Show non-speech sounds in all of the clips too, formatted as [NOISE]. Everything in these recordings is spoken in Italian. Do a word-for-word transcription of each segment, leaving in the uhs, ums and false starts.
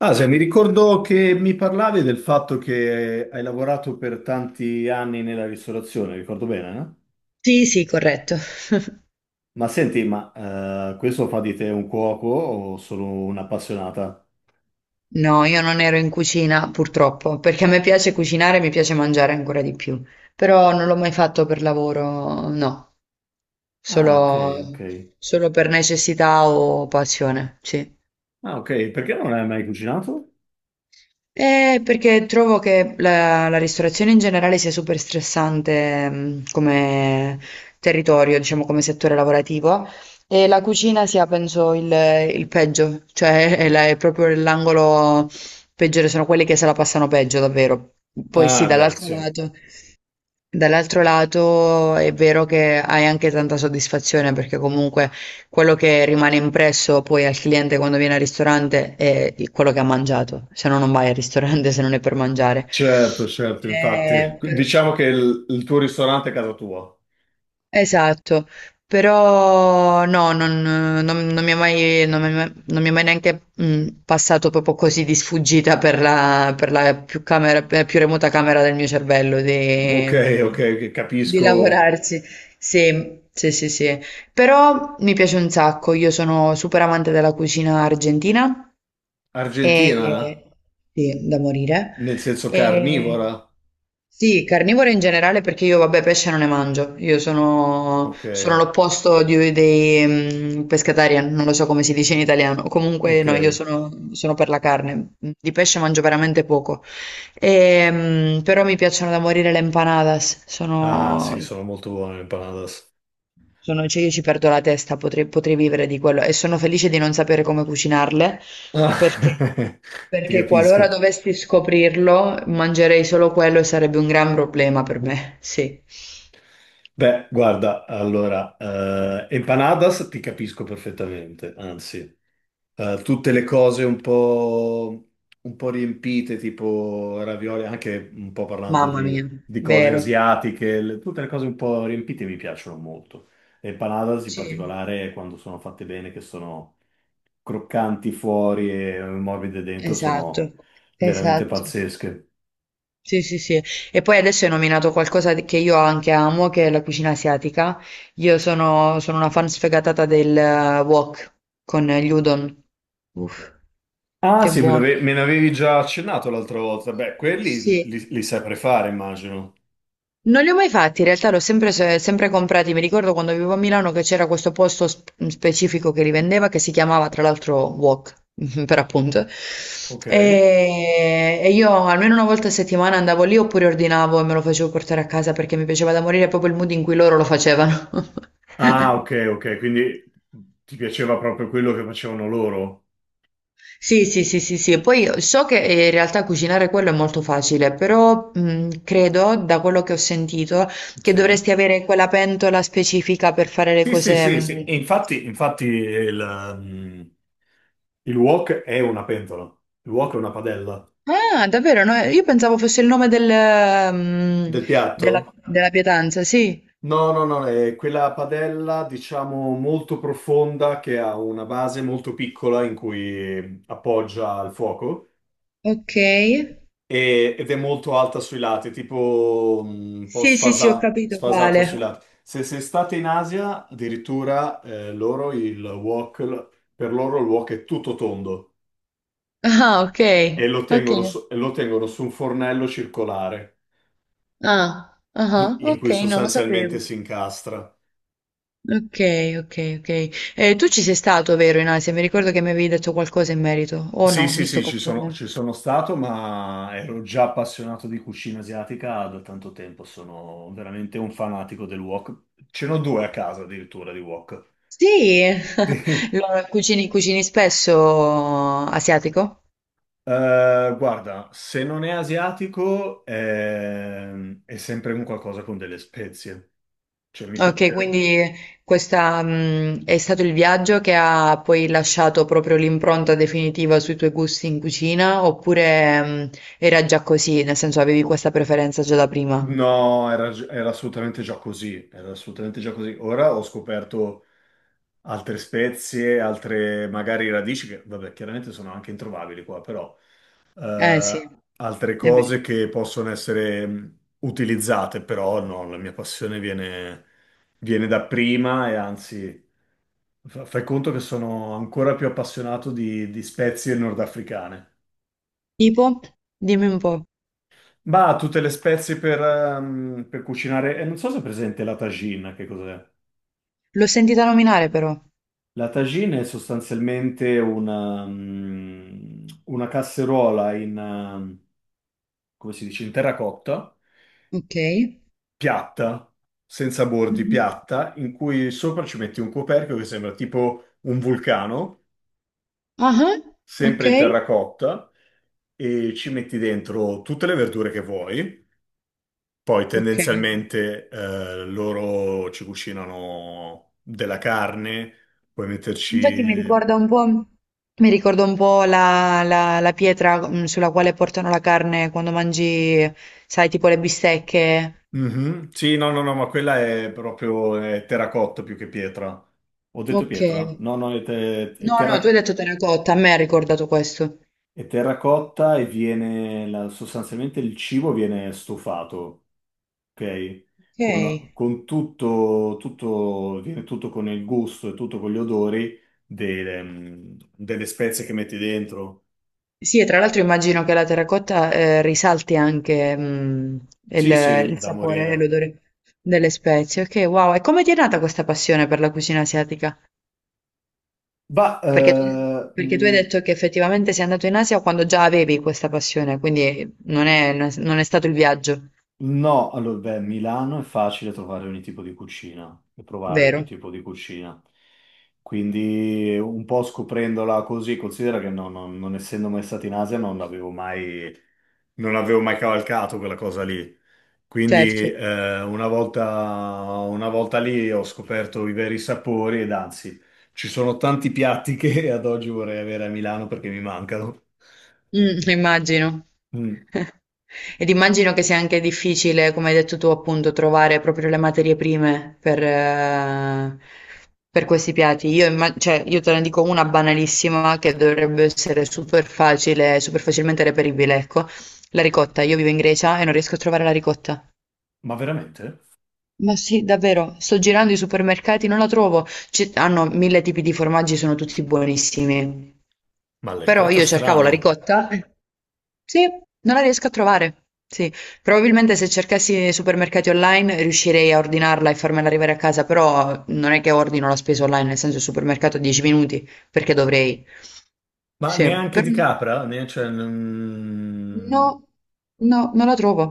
Asia, mi ricordo che mi parlavi del fatto che hai lavorato per tanti anni nella ristorazione, ricordo bene, no? Sì, sì, corretto. Ma senti, ma eh, questo fa di te un cuoco o solo un'appassionata? No, io non ero in cucina purtroppo, perché a me piace cucinare, mi piace mangiare ancora di più, però non l'ho mai fatto per lavoro, no, Ah, ok, ok. solo, solo per necessità o passione, sì. Ah, ok, perché non hai mai cucinato? Eh, perché trovo che la, la ristorazione in generale sia super stressante, mh, come territorio, diciamo come settore lavorativo, e la cucina sia, penso, il, il peggio, cioè [LAUGHS] è, la- è proprio l'angolo peggiore, sono quelli che se la passano peggio, davvero. Poi sì, Ah, beh, dall'altro sì, lato. Dall'altro lato è vero che hai anche tanta soddisfazione perché comunque quello che rimane impresso poi al cliente quando viene al ristorante è il- quello che ha mangiato, se no non vai al ristorante [LAUGHS] se non è per mangiare. certo, certo, infatti. Eh, per- Diciamo che il, il tuo ristorante è casa tua. Esatto, però no, non, non- non mi è mai, non mi è mai, non mi è mai neanche mh, passato proprio così di sfuggita per la, per la più camera- per la più remota camera del mio cervello di, Ok, ok, mhmm, che di capisco. lavorarci. Sì, sì, sì, sì. Però mi piace un sacco, io sono super amante della cucina argentina. Argentina? E, sì, da morire. Nel senso E, carnivora? sì, carnivore in generale perché io, vabbè, pesce non ne mangio. Io sono, Ok, sono l'opposto di- dei mm, pescatarian, non lo so come si dice in italiano. Comunque, ok. no, io sono, sono per la carne. Di pesce mangio veramente poco. E, mm, però mi piacciono da morire le empanadas. Ah, Sono sì, sono molto buone le empanadas. sono cioè io ci perdo la testa, potrei, potrei vivere di quello e sono felice di non sapere come cucinarle perché, Ah, [LAUGHS] ti perché capisco. qualora dovessi scoprirlo mangerei solo quello e sarebbe un gran problema per me. Sì, Beh, guarda, allora, eh, empanadas ti capisco perfettamente, anzi, eh, tutte le cose un po', un po' riempite, tipo ravioli, anche un po' parlando mamma di, mia, di cose vero. asiatiche, le- tutte le cose un po' riempite mi piacciono molto. Le empanadas in Sì, particolare, quando sono fatte bene, che sono croccanti fuori e morbide dentro, esatto, sono veramente esatto. pazzesche. Sì, sì, sì. E poi adesso hai nominato qualcosa di- che io anche amo, che è la cucina asiatica. Io sono, sono una fan sfegatata del eh, wok con gli udon. Uff, Ah, che sì, me buono. l'ave- me ne avevi già accennato l'altra volta. Beh, quelli li, Sì, li- li sai prefare, immagino. non li ho mai fatti, in realtà li ho sempre, se- sempre comprati. Mi ricordo quando vivevo a Milano che c'era questo posto sp- specifico che li vendeva, che si chiamava tra l'altro Wok, [LAUGHS] per appunto. Ok. E, e io almeno una volta a settimana andavo lì oppure ordinavo e me lo facevo portare a casa perché mi piaceva da morire proprio il mood in cui loro lo facevano. Ah, [LAUGHS] ok, ok, quindi ti piaceva proprio quello che facevano loro? Sì, sì, sì, sì, sì. E poi so che eh, in realtà cucinare quello è molto facile, però mh, credo, da quello che ho sentito, che Sì. dovresti avere quella pentola specifica per fare le Sì, sì, cose. sì, sì. Mh. E infatti, infatti il, mm, il wok è una pentola. Il wok è una padella. Ah, davvero? No, io pensavo fosse il nome del, mh, Del della, piatto? della pietanza, sì. No, no, no, è quella padella, diciamo, molto profonda che ha una base molto piccola in cui appoggia il fuoco. Ok. E- ed è molto alta sui lati, tipo mm, un po' Sì, sì, sì, ho sfasa- capito sfasata sui quale. lati. Se, se state in Asia, addirittura eh, loro il wok, l- per loro il wok è tutto tondo Ah, ok. e lo Ok. tengono su, e lo tengono su un fornello circolare Ah, in, ah, in ok, cui non lo sostanzialmente sapevo. si incastra. Ok, ok, ok. Eh, tu ci sei stato, vero, in Asia? Mi ricordo che mi avevi detto qualcosa in merito. O Sì, no, sì, mi sto sì, ci sono, confondendo. ci sono stato, ma ero già appassionato di cucina asiatica da tanto tempo. Sono veramente un fanatico del wok. Ce n'ho due a casa addirittura di wok. Sì, [LAUGHS] lo- cucini, cucini spesso asiatico? Eh, guarda, se non è asiatico ehm, è, sempre un qualcosa con delle spezie. Cioè, mi Ok, piace. quindi questa, mh, è stato il viaggio che ha poi lasciato proprio l'impronta definitiva sui tuoi gusti in cucina, oppure, mh, era già così, nel senso avevi questa preferenza già da prima? No, era, gi- era assolutamente già così. Era assolutamente già così. Ora ho scoperto altre spezie, altre magari radici che, vabbè, chiaramente sono anche introvabili qua, però Eh sì, eh, altre è vero. cose che possono essere mh, utilizzate, però no, la mia passione viene, viene da prima e anzi, fa- fai conto che sono ancora più appassionato di, di spezie nordafricane. Tipo? Dimmi un po'. Ma tutte le spezie per, ehm, per cucinare, e non so se è presente la tagine, che cos'è? L'ho sentita nominare però. La tagine è sostanzialmente una, mm, una casseruola in, ehm, come si dice, in terracotta Ok. piatta, senza bordi, Mh-mh. piatta, in cui sopra ci metti un coperchio che sembra tipo un vulcano, Ah-ah, sempre in okay, terracotta, e ci metti dentro tutte le verdure che vuoi. Poi okay. tendenzialmente eh, loro ci cucinano della carne, puoi Infatti mi metterci... ricorda un po' mi ricorda un po' la la la pietra, mhmm, sulla quale portano la carne quando mangi, sai, tipo le bistecche. Mhm. Sì, no, no, no, ma quella è proprio eh, terracotta più che pietra. Ho detto Okay. pietra? No, no, è, te- è No, no, tu hai terra- detto terracotta, a me ha ricordato questo. È terracotta e viene la- sostanzialmente il cibo viene stufato, ok? Okay. Con, con tutto, tutto, viene tutto con il gusto e tutto con gli odori delle, mm, delle spezie che metti dentro. Sì, e tra l'altro immagino che la terracotta, ehm, risalti anche, mhmm, il Sì, sì, il da sapore e morire. l'odore delle spezie. Okay, wow. E come ti è nata questa passione per la cucina asiatica? Ma Perché tu, perché tu hai detto che effettivamente sei andato in Asia quando già avevi questa passione, quindi non è, non è stato il viaggio, no, allora, beh, Milano è facile trovare ogni tipo di cucina e provare ogni vero? tipo di cucina. Quindi un po' scoprendola così, considera che no- no- non essendo mai stato in Asia non avevo mai, non avevo mai cavalcato quella cosa lì. Quindi Certo. eh, una volta, una volta lì ho scoperto i veri sapori ed anzi, ci sono tanti piatti che [LAUGHS] ad oggi vorrei avere a Milano perché mi mancano. Mm, immagino. Mm, [LAUGHS] Ed immagino che sia anche difficile, come hai detto tu, appunto, trovare proprio le materie prime per, eh, per questi piatti. Io, imma- cioè, io te ne dico una banalissima che dovrebbe essere super facile, super facilmente reperibile, ecco. La ricotta. Io vivo in Grecia e non riesco a trovare la ricotta. ma veramente? Ma sì, davvero, sto girando i supermercati, non la trovo. Ci- hanno mille tipi di formaggi, sono tutti buonissimi. Ma la Però ricotta io cercavo la strano. ricotta. Sì, non la riesco a trovare. Sì, probabilmente se cercassi nei supermercati online riuscirei a ordinarla e farmela arrivare a casa, però non è che ordino la spesa online, nel senso il supermercato a dieci minuti, perché dovrei. Ma Sì, neanche però di capra? Ne- cioè, no, non- no, non la trovo.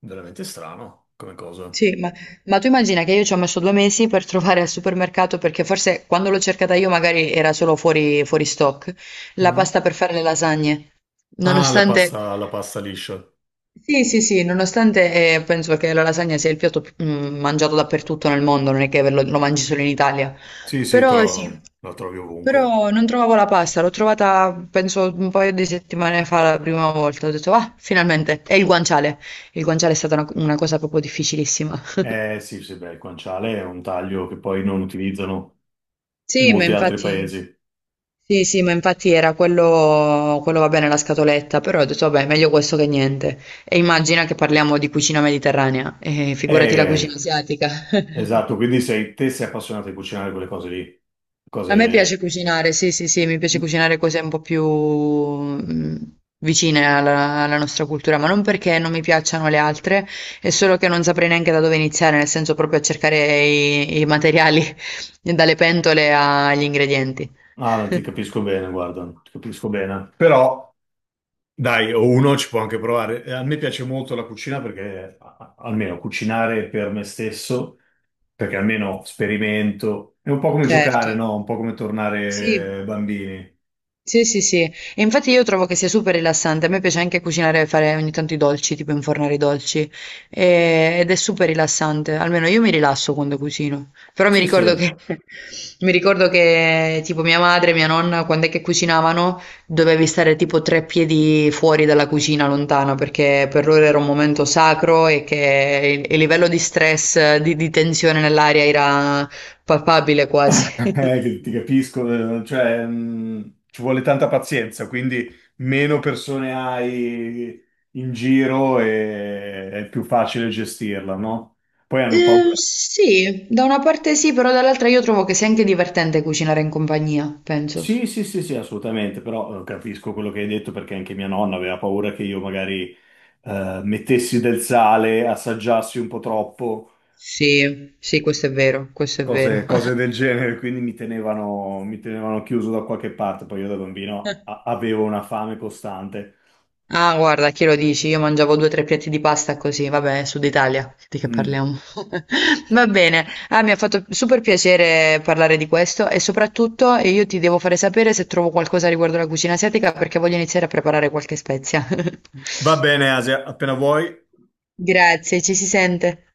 Veramente strano come cosa. Sì, ma, ma tu immagina che io ci ho messo due mesi per trovare al supermercato, perché forse quando l'ho cercata io magari era solo fuori, fuori stock, la Mm? pasta per fare le lasagne. Ah, la Nonostante... pasta, la pasta liscia. Sì, sì, sì, nonostante eh, penso che la lasagna sia il piatto più- mm, mangiato dappertutto nel mondo, non è che lo, lo mangi solo in Italia. Sì, sì, Però sì, però la trovi ovunque. però non trovavo la pasta, l'ho trovata penso un paio di settimane fa la prima volta, ho detto ah, finalmente, è il guanciale. Il guanciale è stata una una cosa proprio difficilissima. [LAUGHS] Eh sì, sì, beh, il guanciale è un taglio che poi non utilizzano in Sì, ma molti altri infatti paesi. sì, sì, ma infatti era quello, quello va bene la scatoletta, però ho detto vabbè, meglio questo che niente. E immagina che parliamo di cucina mediterranea, e figurati la cucina Eh, asiatica. [LAUGHS] esatto, quindi sei, te sei appassionato di cucinare quelle cose lì. A me Cose... piace cucinare, sì, sì, sì, mi piace cucinare cose un po' più mm, vicine alla, alla nostra cultura, ma non perché non mi piacciono le altre, è solo che non saprei neanche da dove iniziare, nel senso proprio a cercare i, i materiali, [LAUGHS] dalle pentole agli ingredienti. Ah, ti [LAUGHS] capisco bene, guarda, ti capisco bene. Però... Dai, o uno ci può anche provare. Eh, A me piace molto la cucina perché, a- a- almeno cucinare per me stesso, perché almeno sperimento. È un po' come Certo, giocare, no? Un po' come sì. tornare eh, bambini. Sì, sì, sì. E infatti io trovo che sia super rilassante. A me piace anche cucinare e fare ogni tanto i dolci, tipo infornare i dolci. E- ed è super rilassante. Almeno io mi rilasso quando cucino. Però mi Sì, ricordo sì. che, [LAUGHS] [LAUGHS] mi ricordo che tipo mia madre e mia nonna, quando è che cucinavano, dovevi stare tipo tre piedi fuori dalla cucina, lontano, perché per loro era un momento sacro e che il, il livello di stress, di di tensione nell'aria era palpabile quasi. Eh, [LAUGHS] che ti capisco, eh, cioè, mh, ci vuole tanta pazienza, quindi meno persone hai in giro e è più facile gestirla, no? Poi hanno Eh, paura. sì, da una parte sì, però dall'altra io trovo che sia anche divertente cucinare in compagnia, penso. Sì, sì, sì, sì, assolutamente, però eh, capisco quello che hai detto perché anche mia nonna aveva paura che io magari eh, mettessi del sale, assaggiassi un po' troppo, Sì, sì, questo è vero, questo è cose, vero. [LAUGHS] cose del genere, quindi mi tenevano, mi tenevano chiuso da qualche parte. Poi io da bambino a- avevo una fame costante. Ah, guarda, chi lo dici? Io mangiavo due o tre piatti di pasta così, vabbè, Sud Italia, di che Mm. parliamo? [LAUGHS] Va bene, ah, mi ha fatto super piacere parlare di questo e soprattutto eh, io ti devo fare sapere se trovo qualcosa riguardo la cucina asiatica perché voglio iniziare a preparare qualche spezia. [LAUGHS] Va bene, Asia, appena vuoi. Grazie, ci si sente.